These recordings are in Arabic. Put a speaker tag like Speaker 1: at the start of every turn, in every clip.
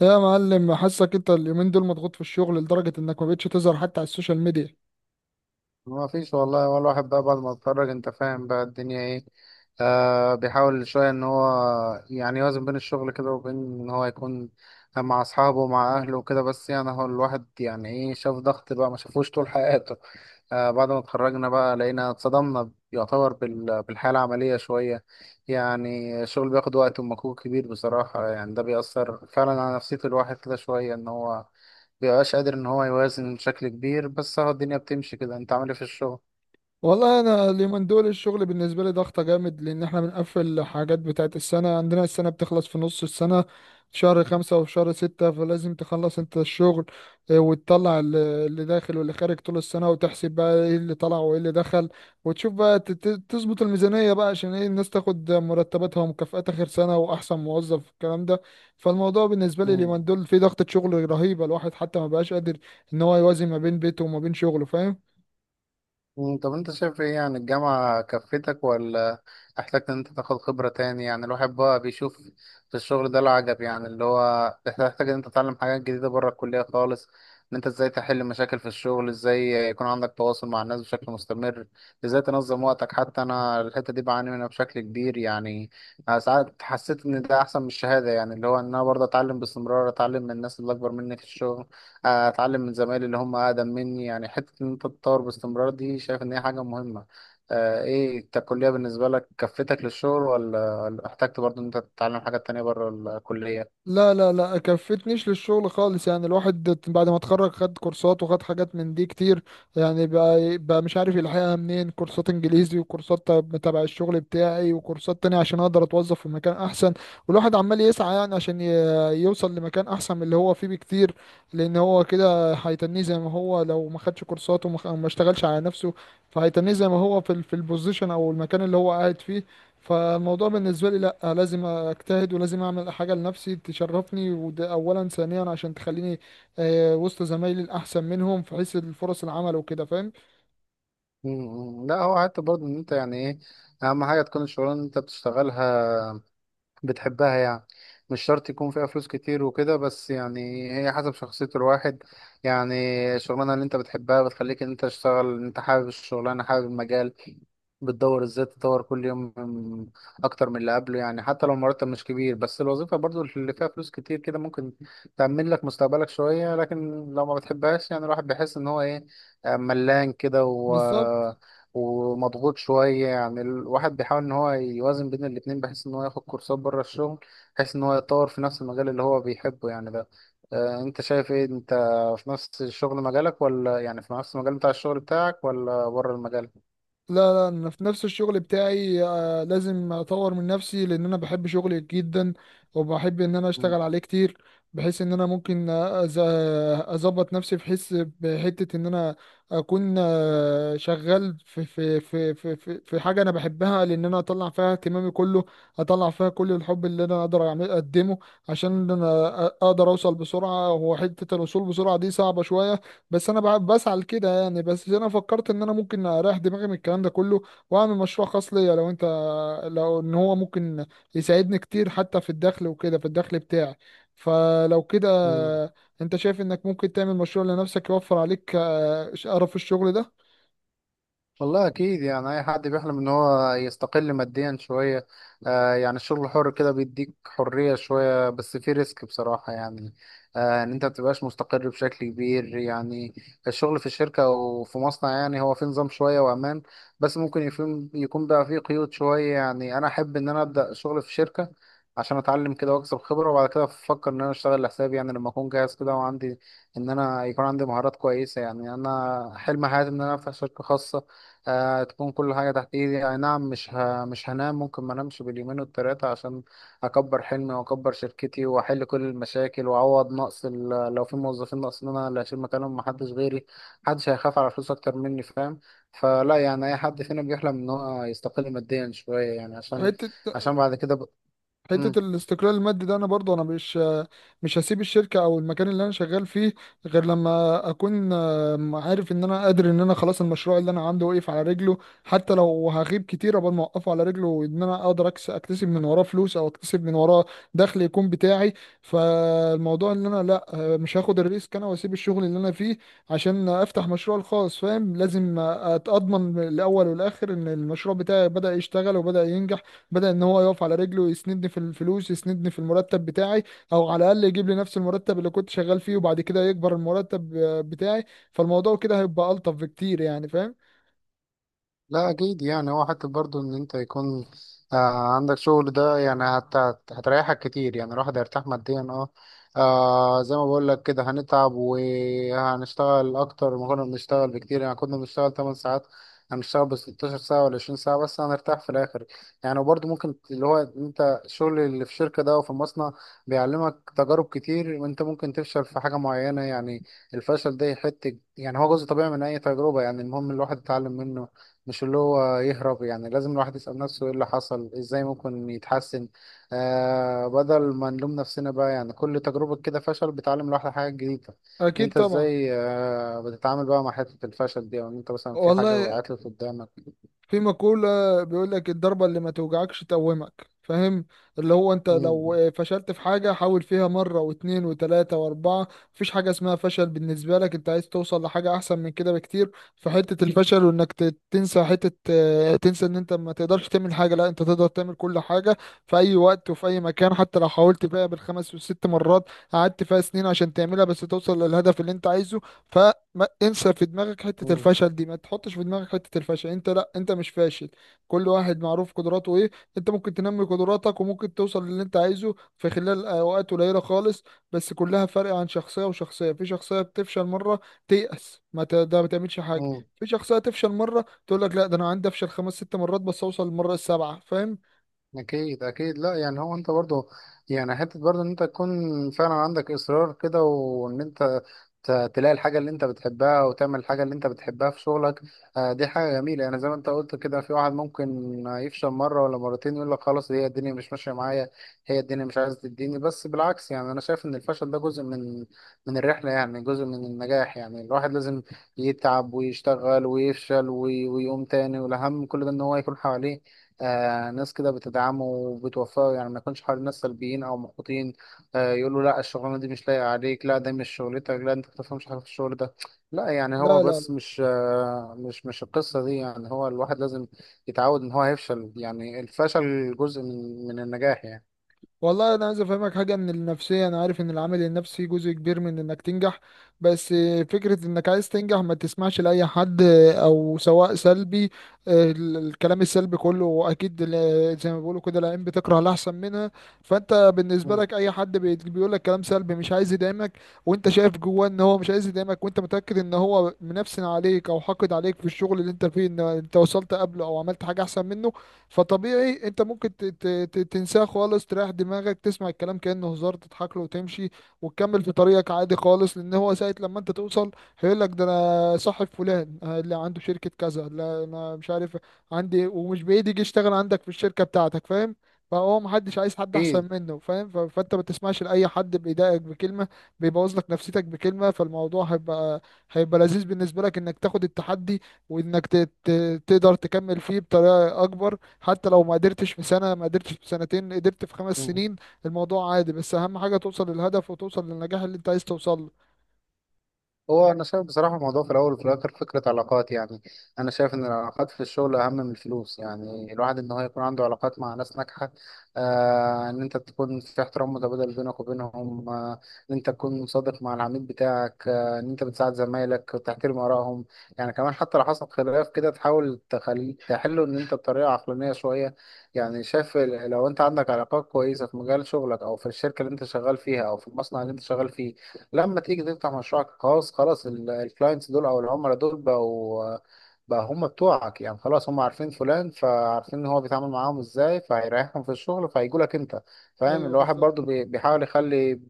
Speaker 1: يا معلم، حاسك انت اليومين دول مضغوط في الشغل لدرجة انك ما بقتش تظهر حتى على السوشيال ميديا.
Speaker 2: ما فيش والله، هو الواحد بقى بعد ما اتخرج انت فاهم بقى الدنيا ايه. آه، بيحاول شوية ان هو يعني يوازن بين الشغل كده وبين ان هو يكون مع اصحابه ومع اهله وكده، بس يعني هو الواحد يعني ايه، شاف ضغط بقى ما شافوش طول حياته. آه، بعد ما اتخرجنا بقى لقينا اتصدمنا يعتبر بالحياة العملية شوية. يعني الشغل بياخد وقت ومجهود كبير بصراحة، يعني ده بيأثر فعلا على نفسية الواحد كده شوية، إن هو مبيبقاش قادر إن هو يوازن بشكل كبير، بس هو الدنيا بتمشي كده. أنت عامل إيه في الشغل؟
Speaker 1: والله انا اليومين دول الشغل بالنسبه لي ضغطه جامد، لان احنا بنقفل حاجات بتاعه السنه. عندنا السنه بتخلص في نص السنه، في شهر خمسة وفي شهر ستة، فلازم تخلص انت الشغل. وتطلع اللي داخل واللي خارج طول السنة، وتحسب بقى ايه اللي طلع وايه اللي دخل، وتشوف بقى تظبط الميزانية بقى عشان ايه الناس تاخد مرتباتها ومكافآت آخر سنة وأحسن موظف الكلام ده. فالموضوع بالنسبة لي اليومين دول في ضغطة شغل رهيبة، الواحد حتى ما بقاش قادر ان هو يوازن ما بين بيته وما بين شغله، فاهم؟
Speaker 2: طب انت شايف ايه، يعني الجامعة كفتك ولا احتجت ان انت تاخد خبرة تاني؟ يعني الواحد بقى بيشوف في الشغل ده العجب، يعني اللي هو تحتاج ان انت تتعلم حاجات جديدة بره الكلية خالص، ان انت ازاي تحل مشاكل في الشغل، ازاي يكون عندك تواصل مع الناس بشكل مستمر، ازاي تنظم وقتك. حتى انا الحتة دي بعاني منها بشكل كبير يعني. أنا ساعات حسيت ان ده احسن من الشهادة، يعني اللي هو ان انا برضه اتعلم باستمرار، اتعلم من الناس اللي اكبر مني في الشغل، اتعلم من زمايلي اللي هم اقدم مني. يعني حته ان انت تتطور باستمرار دي شايف ان هي حاجه مهمه. آه، ايه أنت الكليه بالنسبه لك كفتك للشغل، ولا احتجت برضو ان انت تتعلم حاجات تانية بره الكليه؟
Speaker 1: لا لا لا، كفتنيش للشغل خالص. يعني الواحد بعد ما اتخرج خد كورسات وخد حاجات من دي كتير. يعني بقى مش عارف يلحقها منين، كورسات انجليزي وكورسات تبع الشغل بتاعي وكورسات تانية عشان اقدر اتوظف في مكان احسن. والواحد عمال يسعى يعني عشان يوصل لمكان احسن من اللي هو فيه بكتير. لان هو كده هيتنيه زي ما هو لو ما خدش كورسات وما ما اشتغلش على نفسه. فهيتنيه زي ما هو في في البوزيشن او المكان اللي هو قاعد فيه. فالموضوع بالنسبة لي لأ، لازم أجتهد ولازم أعمل حاجة لنفسي تشرفني، وده أولا. ثانيا عشان تخليني وسط زمايلي الأحسن منهم في حيث الفرص العمل وكده، فاهم؟
Speaker 2: مم، لا هو حتى برضو ان انت يعني ايه، اهم حاجه تكون الشغلانه اللي انت بتشتغلها بتحبها يعني. مش شرط يكون فيها فلوس كتير وكده، بس يعني هي حسب شخصية الواحد يعني. الشغلانة اللي انت بتحبها بتخليك ان انت تشتغل، انت حابب الشغلانة، حابب المجال، بتدور ازاي تطور كل يوم اكتر من اللي قبله. يعني حتى لو المرتب مش كبير، بس الوظيفة برضو اللي فيها فلوس كتير كده ممكن تأمن لك مستقبلك شوية، لكن لو ما بتحبهاش يعني الواحد بيحس ان هو ايه، آه، ملان كده
Speaker 1: بالظبط.
Speaker 2: ومضغوط شوية. يعني الواحد بيحاول إن هو يوازن بين الاتنين، بحيث إن هو ياخد كورسات بره الشغل، بحيث إن هو يتطور في نفس المجال اللي هو بيحبه يعني ده. آه، أنت شايف إيه أنت، في نفس الشغل مجالك، ولا يعني في نفس المجال بتاع الشغل بتاعك، ولا بره المجال؟
Speaker 1: لا لا، انا في نفس الشغل بتاعي. لازم اطور من نفسي لان انا بحب شغلي جدا. وبحب ان انا اشتغل عليه كتير، بحيث ان انا ممكن اظبط نفسي. بحس بحتة ان انا اكون شغال في حاجة انا بحبها، لان انا اطلع فيها اهتمامي كله. اطلع فيها كل الحب اللي انا اقدر اقدمه. عشان انا اقدر اوصل بسرعة، وحتة الوصول بسرعة دي صعبة شوية. بس انا بسعى لكده يعني، بس انا فكرت ان انا ممكن اريح دماغي من الكلام ده كله واعمل مشروع خاص ليا. لو ان هو ممكن يساعدني كتير حتى في الدخل وكده، في الدخل بتاعي. فلو كده،
Speaker 2: مم.
Speaker 1: انت شايف انك ممكن تعمل مشروع لنفسك يوفر عليك قرف الشغل ده؟
Speaker 2: والله اكيد يعني اي حد بيحلم ان هو يستقل ماديا شويه. آه، يعني الشغل الحر كده بيديك حريه شويه، بس في ريسك بصراحه. يعني آه، ان انت متبقاش مستقر بشكل كبير يعني. الشغل في الشركه او في مصنع يعني هو في نظام شويه وامان، بس ممكن يكون بقى فيه قيود شويه. يعني انا احب ان انا ابدا شغل في شركه عشان اتعلم كده واكسب خبره، وبعد كده افكر ان انا اشتغل لحسابي، يعني لما اكون جاهز كده وعندي ان انا يكون عندي مهارات كويسه. يعني انا حلم حياتي ان انا افتح شركه خاصه، آه، تكون كل حاجة تحت ايدي. اي نعم مش مش هنام، ممكن ما انامش باليومين والتلاتة عشان اكبر حلمي واكبر شركتي واحل كل المشاكل واعوض نقص لو في موظفين ناقصين انا اللي هشيل مكانهم، محدش غيري، محدش هيخاف على فلوس اكتر مني فاهم؟ فلا يعني اي حد فينا بيحلم ان هو يستقل ماديا شوية يعني، عشان
Speaker 1: حتة
Speaker 2: عشان بعد كده ب...
Speaker 1: حته الاستقلال المادي ده، انا برضه انا مش هسيب الشركه او المكان اللي انا شغال فيه غير لما اكون عارف ان انا قادر، ان انا خلاص المشروع اللي انا عامله واقف على رجله. حتى لو هغيب كتير قبل ما اوقفه على رجله، وان انا اقدر اكتسب من وراه فلوس او اكتسب من وراه دخل يكون بتاعي. فالموضوع ان انا لا، مش هاخد الريسك انا واسيب الشغل اللي انا فيه عشان افتح مشروع الخاص، فاهم؟ لازم اتضمن الاول والاخر ان المشروع بتاعي بدأ يشتغل وبدأ ينجح، بدأ ان هو يقف على رجله، يسندني في الفلوس، يسندني في المرتب بتاعي، او على الاقل يجيب لي نفس المرتب اللي كنت شغال فيه، وبعد كده يكبر المرتب بتاعي. فالموضوع كده هيبقى ألطف بكتير يعني، فاهم؟
Speaker 2: لا اكيد. يعني هو حتى برضو ان انت يكون آه عندك شغل ده، يعني هتريحك كتير، يعني الواحد هيرتاح ماديا اه. آه، زي ما بقول لك كده، هنتعب وهنشتغل اكتر ما كنا بنشتغل بكتير. يعني كنا بنشتغل 8 ساعات، هنشتغل ب 16 ساعة ولا 20 ساعة، بس هنرتاح في الاخر يعني. وبرضو ممكن اللي هو انت الشغل اللي في الشركة ده او في المصنع بيعلمك تجارب كتير. انت ممكن تفشل في حاجة معينة يعني، الفشل ده يحتك، يعني هو جزء طبيعي من اي تجربة. يعني المهم الواحد يتعلم منه مش اللي هو يهرب. يعني لازم الواحد يسأل نفسه ايه اللي حصل، ازاي ممكن يتحسن، آه، بدل ما نلوم نفسنا بقى. يعني كل تجربة كده فشل بتعلم الواحد حاجة جديدة.
Speaker 1: اكيد
Speaker 2: انت
Speaker 1: طبعا.
Speaker 2: ازاي آه بتتعامل بقى مع حتة الفشل دي، او ان انت مثلا في حاجة
Speaker 1: والله
Speaker 2: وقعت لك قدامك؟
Speaker 1: في مقولة بيقول لك: الضربة اللي ما توجعكش تقومك، فاهم؟ اللي هو انت لو
Speaker 2: مم.
Speaker 1: فشلت في حاجة، حاول فيها مرة واتنين وتلاتة واربعة. مفيش حاجة اسمها فشل بالنسبة لك، انت عايز توصل لحاجة احسن من كده بكتير، فحتة الفشل وانك تنسى حتة، تنسى ان انت ما تقدرش تعمل حاجة. لا انت تقدر تعمل كل حاجة، في اي وقت وفي اي مكان، حتى لو حاولت فيها بالخمس والست مرات، قعدت فيها سنين عشان تعملها، بس توصل للهدف اللي انت عايزه. ما انسى في دماغك حتة
Speaker 2: مم.
Speaker 1: الفشل دي، ما تحطش في دماغك حتة الفشل. انت لا، انت مش فاشل. كل واحد معروف قدراته ايه. انت ممكن تنمي قدراتك وممكن توصل للي انت عايزه في خلال اوقات قليلة خالص. بس كلها فرق عن شخصية وشخصية. في شخصية بتفشل مرة تيأس، ما ت... ده ما تعملش حاجة.
Speaker 2: مم.
Speaker 1: في شخصية تفشل مرة تقول لك: لا ده انا عندي افشل خمس ست مرات بس اوصل للمرة السابعة، فاهم؟
Speaker 2: اكيد اكيد. لا يعني هو انت برضو، يعني حته برضو ان انت تكون فعلا عندك اصرار كده، وان انت تلاقي الحاجه اللي انت بتحبها وتعمل الحاجه اللي انت بتحبها في شغلك، آه، دي حاجه جميله. يعني زي ما انت قلت كده، في واحد ممكن يفشل مره ولا مرتين يقول لك خلاص هي الدنيا مش ماشيه معايا، هي الدنيا مش عايزه تديني، بس بالعكس، يعني انا شايف ان الفشل ده جزء من الرحله، يعني جزء من النجاح. يعني الواحد لازم يتعب ويشتغل ويفشل ويقوم تاني، والاهم من كل ده ان هو يكون حواليه آه ناس كده بتدعمه وبتوفقه، يعني ما يكونش حوالين ناس سلبيين او محبطين، آه، يقولوا لا الشغلانه دي مش لايقه عليك، لا ده مش شغلتك، لا انت ما بتفهمش حاجه في الشغل ده. لا، يعني هو
Speaker 1: لا لا،
Speaker 2: بس مش آه مش القصه دي، يعني هو الواحد لازم يتعود ان هو هيفشل، يعني الفشل جزء من النجاح يعني.
Speaker 1: والله انا عايز افهمك حاجه. ان النفسيه، انا عارف ان العامل النفسي جزء كبير من انك تنجح، بس فكره انك عايز تنجح ما تسمعش لاي حد، او سواء سلبي، الكلام السلبي كله، اكيد زي ما بيقولوا كده، العين بتكره الاحسن منها. فانت بالنسبه
Speaker 2: مم.
Speaker 1: لك اي حد بيقول لك كلام سلبي مش عايز يدعمك، وانت شايف جواه ان هو مش عايز يدعمك، وانت متاكد ان هو منفسن عليك او حاقد عليك في الشغل اللي انت فيه، ان انت وصلت قبله او عملت حاجه احسن منه. فطبيعي انت ممكن تنساه خالص، تريح دماغك، تسمع الكلام كأنه هزار، تضحك له وتمشي وتكمل في طريقك عادي خالص. لان هو ساعة لما انت توصل هيقول لك: ده انا صاحب فلان اللي عنده شركة كذا، لا انا مش عارف عندي. ومش بعيد يجي يشتغل عندك في الشركة بتاعتك، فاهم؟ فهو محدش عايز حد
Speaker 2: اكيد.
Speaker 1: احسن منه، فاهم؟ فانت ما تسمعش لاي حد بيضايقك بكلمة، بيبوظ لك نفسيتك بكلمة. فالموضوع هيبقى لذيذ بالنسبة لك انك تاخد التحدي، وانك تقدر تكمل فيه بطريقة اكبر. حتى لو ما قدرتش في سنة، ما قدرتش في سنتين، قدرت في خمس
Speaker 2: مم.
Speaker 1: سنين الموضوع عادي. بس أهم حاجة توصل للهدف وتوصل للنجاح اللي أنت عايز توصل له.
Speaker 2: هو انا شايف بصراحه الموضوع في الاول وفي الاخر فكره علاقات. يعني انا شايف ان العلاقات في الشغل اهم من الفلوس، يعني الواحد ان هو يكون عنده علاقات مع ناس ناجحه، آه، ان انت تكون في احترام متبادل بينك وبينهم، آه، ان انت تكون صادق مع العميل بتاعك، آه، ان انت بتساعد زمايلك وتحترم ارائهم. يعني كمان حتى لو حصل خلاف كده تحاول تخلي تحله ان انت بطريقه عقلانيه شويه. يعني شايف لو انت عندك علاقات كويسه في مجال شغلك او في الشركه اللي انت شغال فيها او في المصنع اللي انت شغال فيه، لما تيجي تفتح مشروعك الخاص خلاص الكلاينتس دول او العملاء دول بقوا بقى هم بتوعك. يعني خلاص هم عارفين فلان، فعارفين ان هو بيتعامل معاهم ازاي، فهيريحهم في الشغل، فهيجوا لك انت فاهم.
Speaker 1: أيوه،
Speaker 2: الواحد برضو
Speaker 1: بالظبط.
Speaker 2: بيحاول يخلي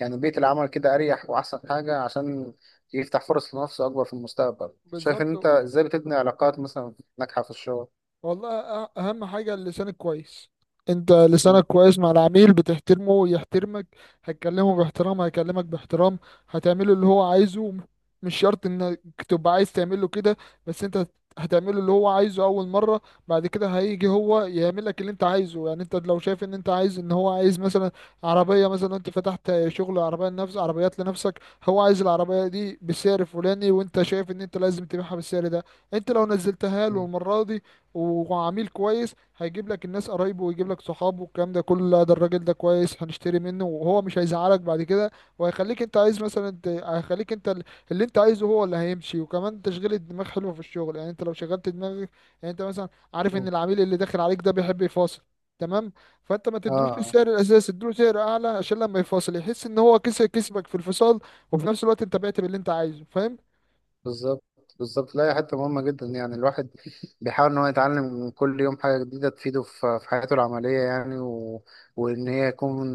Speaker 2: يعني بيئة العمل كده اريح واحسن حاجة عشان يفتح فرص لنفسه اكبر في المستقبل. شايف ان
Speaker 1: بالظبط،
Speaker 2: انت ازاي بتبني علاقات مثلا ناجحة في الشغل؟
Speaker 1: والله اهم حاجة لسانك كويس. انت لسانك
Speaker 2: مم.
Speaker 1: كويس مع العميل، بتحترمه ويحترمك، هتكلمه باحترام هيكلمك باحترام، هتعمله اللي هو عايزه. مش شرط انك تبقى عايز تعمله كده، بس انت هتعمله اللي هو عايزه اول مرة. بعد كده هيجي هو يعمل لك اللي انت عايزه. يعني انت لو شايف ان انت عايز، ان هو عايز مثلا عربية، مثلا انت فتحت شغل عربية لنفس، عربيات لنفسك، هو عايز العربية دي بالسعر الفلاني وانت شايف ان انت لازم تبيعها بالسعر ده. انت لو نزلتها له
Speaker 2: مم.
Speaker 1: المرة دي وعميل كويس، هيجيب لك الناس قرايبه ويجيب لك صحابه والكلام ده كله: لا ده الراجل ده كويس هنشتري منه، وهو مش هيزعلك بعد كده. وهيخليك انت عايز مثلا هيخليك انت اللي انت عايزه هو اللي هيمشي. وكمان تشغيل الدماغ حلو في الشغل، يعني انت لو شغلت دماغك، يعني انت مثلا عارف
Speaker 2: مم.
Speaker 1: ان العميل اللي داخل عليك ده بيحب يفاصل، تمام؟ فانت ما تدلوش
Speaker 2: اه.
Speaker 1: السعر الاساسي، اديله سعر اعلى عشان لما يفاصل يحس ان هو كسب، كسبك في الفصال، وفي نفس الوقت انت بعت باللي انت عايزه، فاهم؟
Speaker 2: بالظبط. بالظبط. لا هي حتة مهمة جدا، يعني الواحد بيحاول إن هو يتعلم كل يوم حاجة جديدة تفيده في في حياته العملية يعني، وإن هي يكون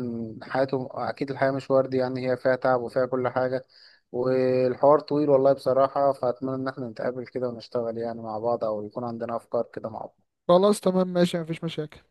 Speaker 2: حياته. أكيد الحياة مش وردي، يعني هي فيها تعب وفيها كل حاجة، والحوار طويل والله بصراحة. فأتمنى إن احنا نتقابل كده ونشتغل يعني مع بعض، أو يكون عندنا أفكار كده مع بعض.
Speaker 1: خلاص تمام، ماشي، مفيش مشاكل.